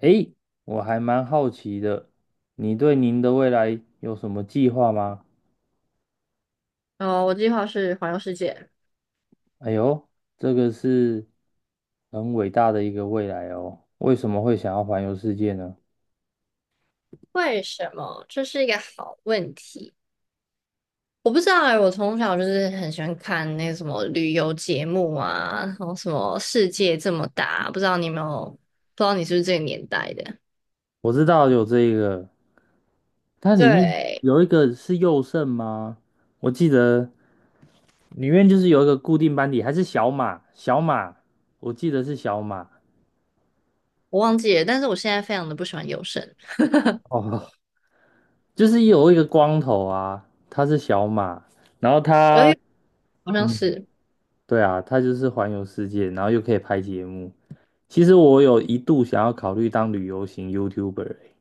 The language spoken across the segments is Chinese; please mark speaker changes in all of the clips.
Speaker 1: 诶，我还蛮好奇的，你对您的未来有什么计划吗？
Speaker 2: 哦，我计划是环游世界。
Speaker 1: 哎呦，这个是很伟大的一个未来哦。为什么会想要环游世界呢？
Speaker 2: 为什么？这是一个好问题。我不知道哎，我从小就是很喜欢看那个什么旅游节目啊，然后什么世界这么大，不知道你有没有，不知道你是不是这个年代的？
Speaker 1: 我知道有这一个，它里面
Speaker 2: 对，
Speaker 1: 有一个是右肾吗？我记得里面就是有一个固定班底，还是小马？小马，我记得是小马。
Speaker 2: 我忘记了，但是我现在非常的不喜欢游神，
Speaker 1: 哦，就是有一个光头啊，他是小马，然后
Speaker 2: 泳，
Speaker 1: 他。
Speaker 2: 哎，好像
Speaker 1: 嗯。
Speaker 2: 是。
Speaker 1: 对啊，它就是环游世界，然后又可以拍节目。其实我有一度想要考虑当旅游型 YouTuber 欸。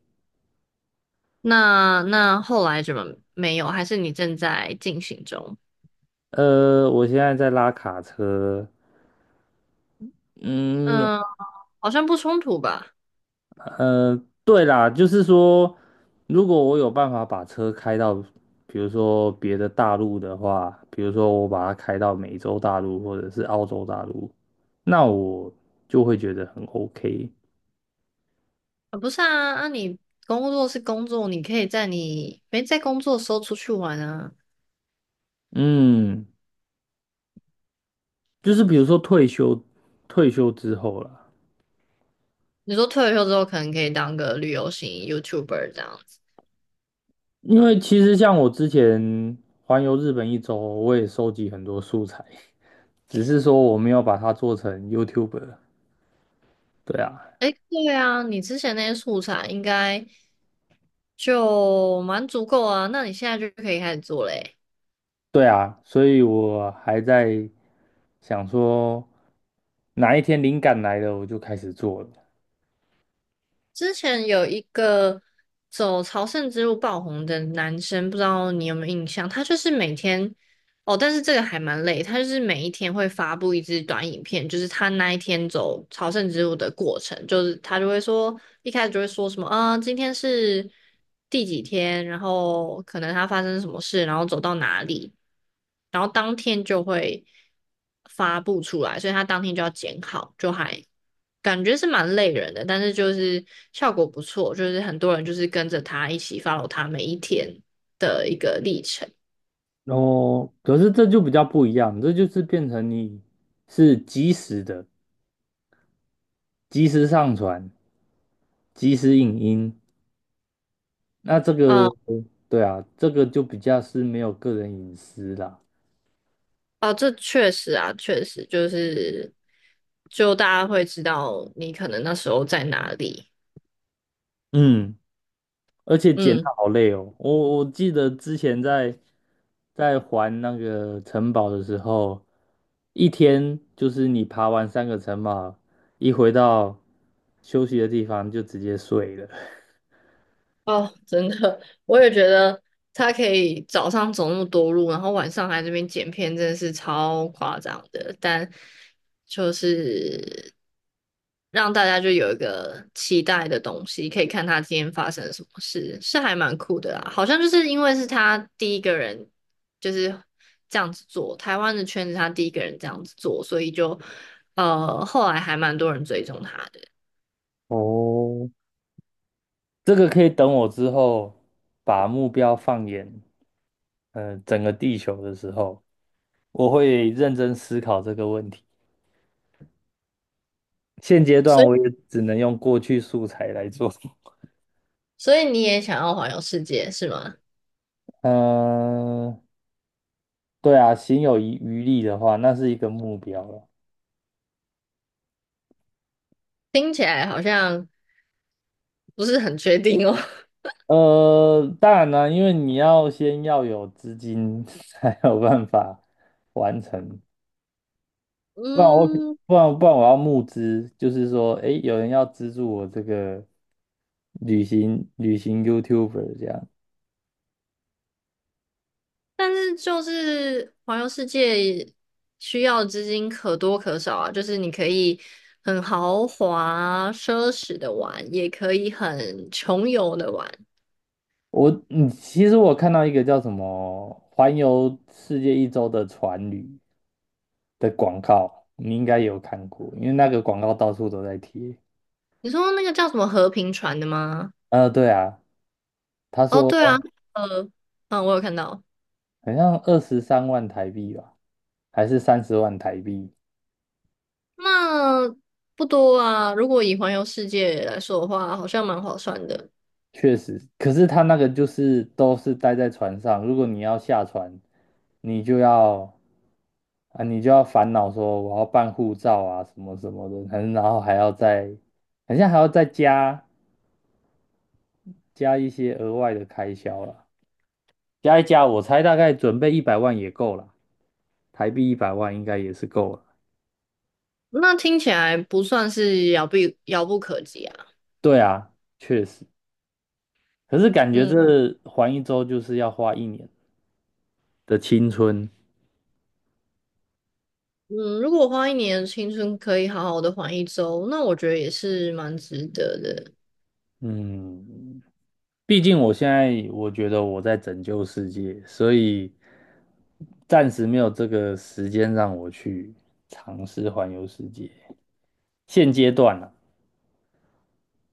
Speaker 2: 那后来怎么没有？还是你正在进行中？
Speaker 1: 我现在在拉卡车，嗯。
Speaker 2: 嗯，好像不冲突吧。
Speaker 1: 呃，对啦，就是说，如果我有办法把车开到，比如说别的大陆的话，比如说我把它开到美洲大陆或者是澳洲大陆，那我就会觉得很 OK。
Speaker 2: 啊，不是啊，那你工作是工作，你可以在你没在工作的时候出去玩啊。
Speaker 1: 嗯，就是比如说退休，退休之后啦。
Speaker 2: 你说退了休之后，可能可以当个旅游型 YouTuber 这样子。
Speaker 1: 因为其实像我之前环游日本一周，我也收集很多素材，只是说我没有把它做成 YouTuber。对啊，
Speaker 2: 诶，对啊，你之前那些素材应该就蛮足够啊，那你现在就可以开始做嘞。
Speaker 1: 对啊，所以我还在想说，哪一天灵感来了，我就开始做了。
Speaker 2: 之前有一个走朝圣之路爆红的男生，不知道你有没有印象？他就是每天哦，但是这个还蛮累，他就是每一天会发布一支短影片，就是他那一天走朝圣之路的过程，就是他就会说一开始就会说什么啊，今天是第几天，然后可能他发生什么事，然后走到哪里，然后当天就会发布出来，所以他当天就要剪好，就还感觉是蛮累人的，但是就是效果不错，就是很多人就是跟着他一起 follow 他每一天的一个历程。
Speaker 1: 然后，可是这就比较不一样，这就是变成你是及时的，及时上传，及时影音。那这
Speaker 2: 嗯，
Speaker 1: 个，对啊，这个就比较是没有个人隐私啦。
Speaker 2: 哦，这确实啊，确实就是，就大家会知道你可能那时候在哪里。
Speaker 1: 嗯。而且剪
Speaker 2: 嗯。
Speaker 1: 它好累哦。我记得之前在在还那个城堡的时候，一天就是你爬完三个城堡，一回到休息的地方就直接睡了。
Speaker 2: 哦，真的，我也觉得他可以早上走那么多路，然后晚上还这边剪片，真的是超夸张的。但就是让大家就有一个期待的东西，可以看他今天发生了什么事，是还蛮酷的啦。好像就是因为是他第一个人就是这样子做，台湾的圈子他第一个人这样子做，所以就后来还蛮多人追踪他的。
Speaker 1: 哦，这个可以等我之后把目标放眼整个地球的时候，我会认真思考这个问题。现阶段
Speaker 2: 所以，
Speaker 1: 我也只能用过去素材来做。
Speaker 2: 所以你也想要环游世界是吗？
Speaker 1: 嗯、对啊，行有余力的话，那是一个目标了。
Speaker 2: 听起来好像不是很确定哦。
Speaker 1: 当然呢，因为你要先要有资金 才有办法完成，不然我
Speaker 2: 嗯，
Speaker 1: 不然不然我要募资，就是说，诶，有人要资助我这个旅行 YouTuber 这样。
Speaker 2: 但是就是环游世界需要的资金可多可少啊，就是你可以很豪华奢侈的玩，也可以很穷游的玩。
Speaker 1: 我嗯，其实我看到一个叫什么"环游世界一周"的船旅的广告，你应该有看过，因为那个广告到处都在贴。
Speaker 2: 你说那个叫什么和平船的吗？
Speaker 1: 对啊，他
Speaker 2: 哦，
Speaker 1: 说。
Speaker 2: 对啊，呃，嗯，我有看到，
Speaker 1: 好像23万台币吧，还是30万台币？
Speaker 2: 那不多啊。如果以环游世界来说的话，好像蛮划算的。
Speaker 1: 确实，可是他那个就是都是待在船上，如果你要下船，你就要啊，你就要烦恼说我要办护照啊，什么什么的，然后还要再，好像还要再加一些额外的开销了，加一加，我猜大概准备一百万也够了，台币一百万应该也是够了。
Speaker 2: 那听起来不算是遥不可及啊。
Speaker 1: 对啊，确实，可是感觉
Speaker 2: 嗯。
Speaker 1: 这环一周就是要花一年的青春。
Speaker 2: 嗯，如果花一年的青春可以好好的环一周，那我觉得也是蛮值得的。
Speaker 1: 嗯，毕竟我现在我觉得我在拯救世界，所以暂时没有这个时间让我去尝试环游世界。现阶段啊，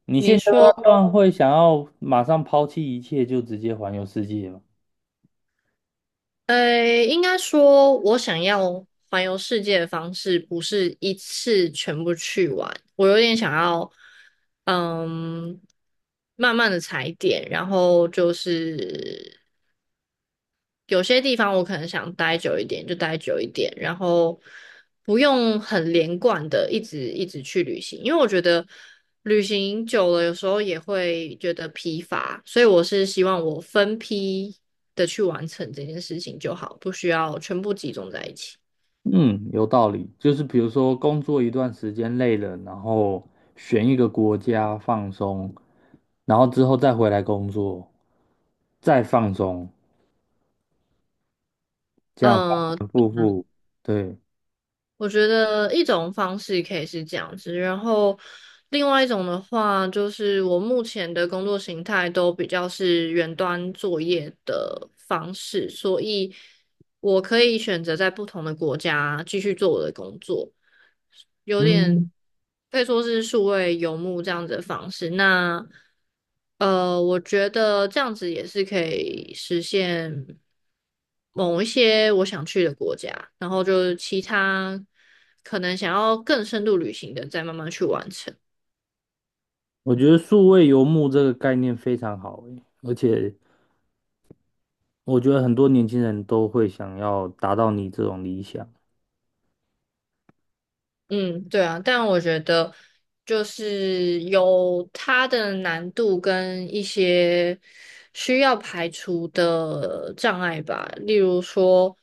Speaker 1: 你
Speaker 2: 你
Speaker 1: 现阶
Speaker 2: 说，
Speaker 1: 段会想要马上抛弃一切就直接环游世界吗？
Speaker 2: 呃，应该说，我想要环游世界的方式不是一次全部去完，我有点想要，嗯，慢慢的踩点，然后就是有些地方我可能想待久一点，就待久一点，然后不用很连贯的一直去旅行，因为我觉得旅行久了有时候也会觉得疲乏，所以我是希望我分批的去完成这件事情就好，不需要全部集中在一起。
Speaker 1: 嗯，有道理。就是比如说工作一段时间累了，然后选一个国家放松，然后之后再回来工作，再放松，这样反
Speaker 2: 嗯、
Speaker 1: 反复复，对。
Speaker 2: 我觉得一种方式可以是这样子，然后另外一种的话，就是我目前的工作形态都比较是远端作业的方式，所以我可以选择在不同的国家继续做我的工作，有点
Speaker 1: 嗯，
Speaker 2: 可以说是数位游牧这样子的方式。那我觉得这样子也是可以实现某一些我想去的国家，然后就是其他可能想要更深度旅行的，再慢慢去完成。
Speaker 1: 我觉得数位游牧这个概念非常好诶，而且我觉得很多年轻人都会想要达到你这种理想。
Speaker 2: 嗯，对啊，但我觉得就是有它的难度跟一些需要排除的障碍吧。例如说，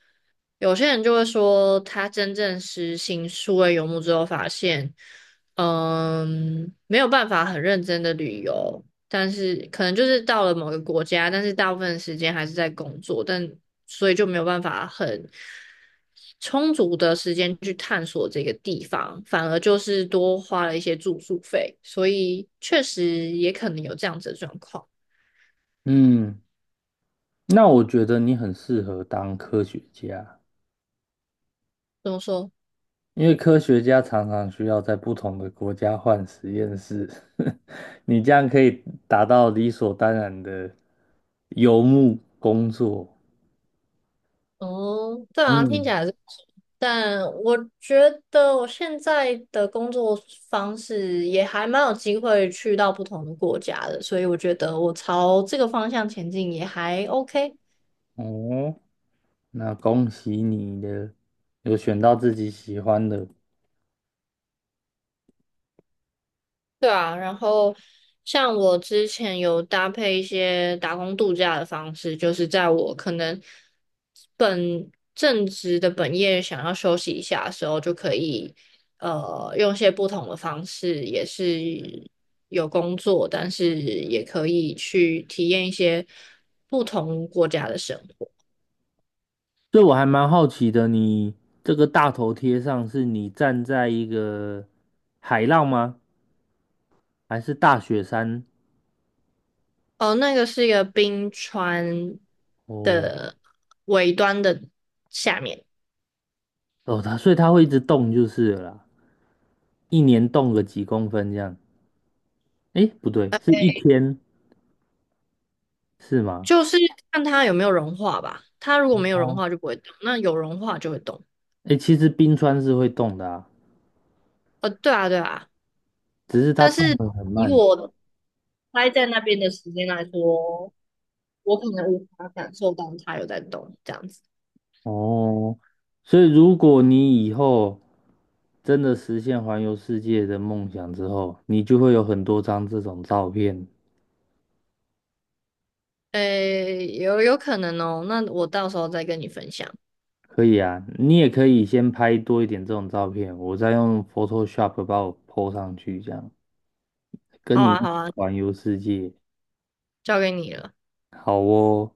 Speaker 2: 有些人就会说，他真正实行数位游牧之后，发现，嗯，没有办法很认真的旅游，但是可能就是到了某个国家，但是大部分的时间还是在工作，但所以就没有办法很。充足的时间去探索这个地方，反而就是多花了一些住宿费，所以确实也可能有这样子的状况。
Speaker 1: 嗯，那我觉得你很适合当科学家，
Speaker 2: 怎么说？
Speaker 1: 因为科学家常常需要在不同的国家换实验室，你这样可以达到理所当然的游牧工作。
Speaker 2: 哦，对啊，听起
Speaker 1: 嗯，
Speaker 2: 来是不错，但我觉得我现在的工作方式也还蛮有机会去到不同的国家的，所以我觉得我朝这个方向前进也还 OK。
Speaker 1: 哦，那恭喜你的，有选到自己喜欢的。
Speaker 2: 对啊，然后像我之前有搭配一些打工度假的方式，就是在我可能本正职的本业想要休息一下的时候，就可以用一些不同的方式，也是有工作，但是也可以去体验一些不同国家的生活。
Speaker 1: 所以我还蛮好奇的，你这个大头贴上是你站在一个海浪吗？还是大雪山？
Speaker 2: 哦，那个是一个冰川
Speaker 1: 哦
Speaker 2: 的尾端的下面。
Speaker 1: 哦，所以它会一直动就是了啦，一年动个几公分这样。诶，不对，是一天是吗？
Speaker 2: 就是看它有没有融化吧。它如果没有融
Speaker 1: 哦，
Speaker 2: 化就不会动，那有融化就会动。
Speaker 1: 诶，其实冰川是会动的啊，
Speaker 2: 呃，对啊，对啊。
Speaker 1: 只是它
Speaker 2: 但
Speaker 1: 动
Speaker 2: 是
Speaker 1: 得很
Speaker 2: 以
Speaker 1: 慢。
Speaker 2: 我待在那边的时间来说，我可能无法感受到它有在动这样子。
Speaker 1: 哦，所以如果你以后真的实现环游世界的梦想之后，你就会有很多张这种照片。
Speaker 2: 诶，有可能哦。那我到时候再跟你分享。
Speaker 1: 可以啊，你也可以先拍多一点这种照片，我再用 Photoshop 把我 po 上去，这样跟
Speaker 2: 好
Speaker 1: 你
Speaker 2: 啊，
Speaker 1: 一起
Speaker 2: 好啊，
Speaker 1: 环游世界。
Speaker 2: 交给你了。
Speaker 1: 好哦。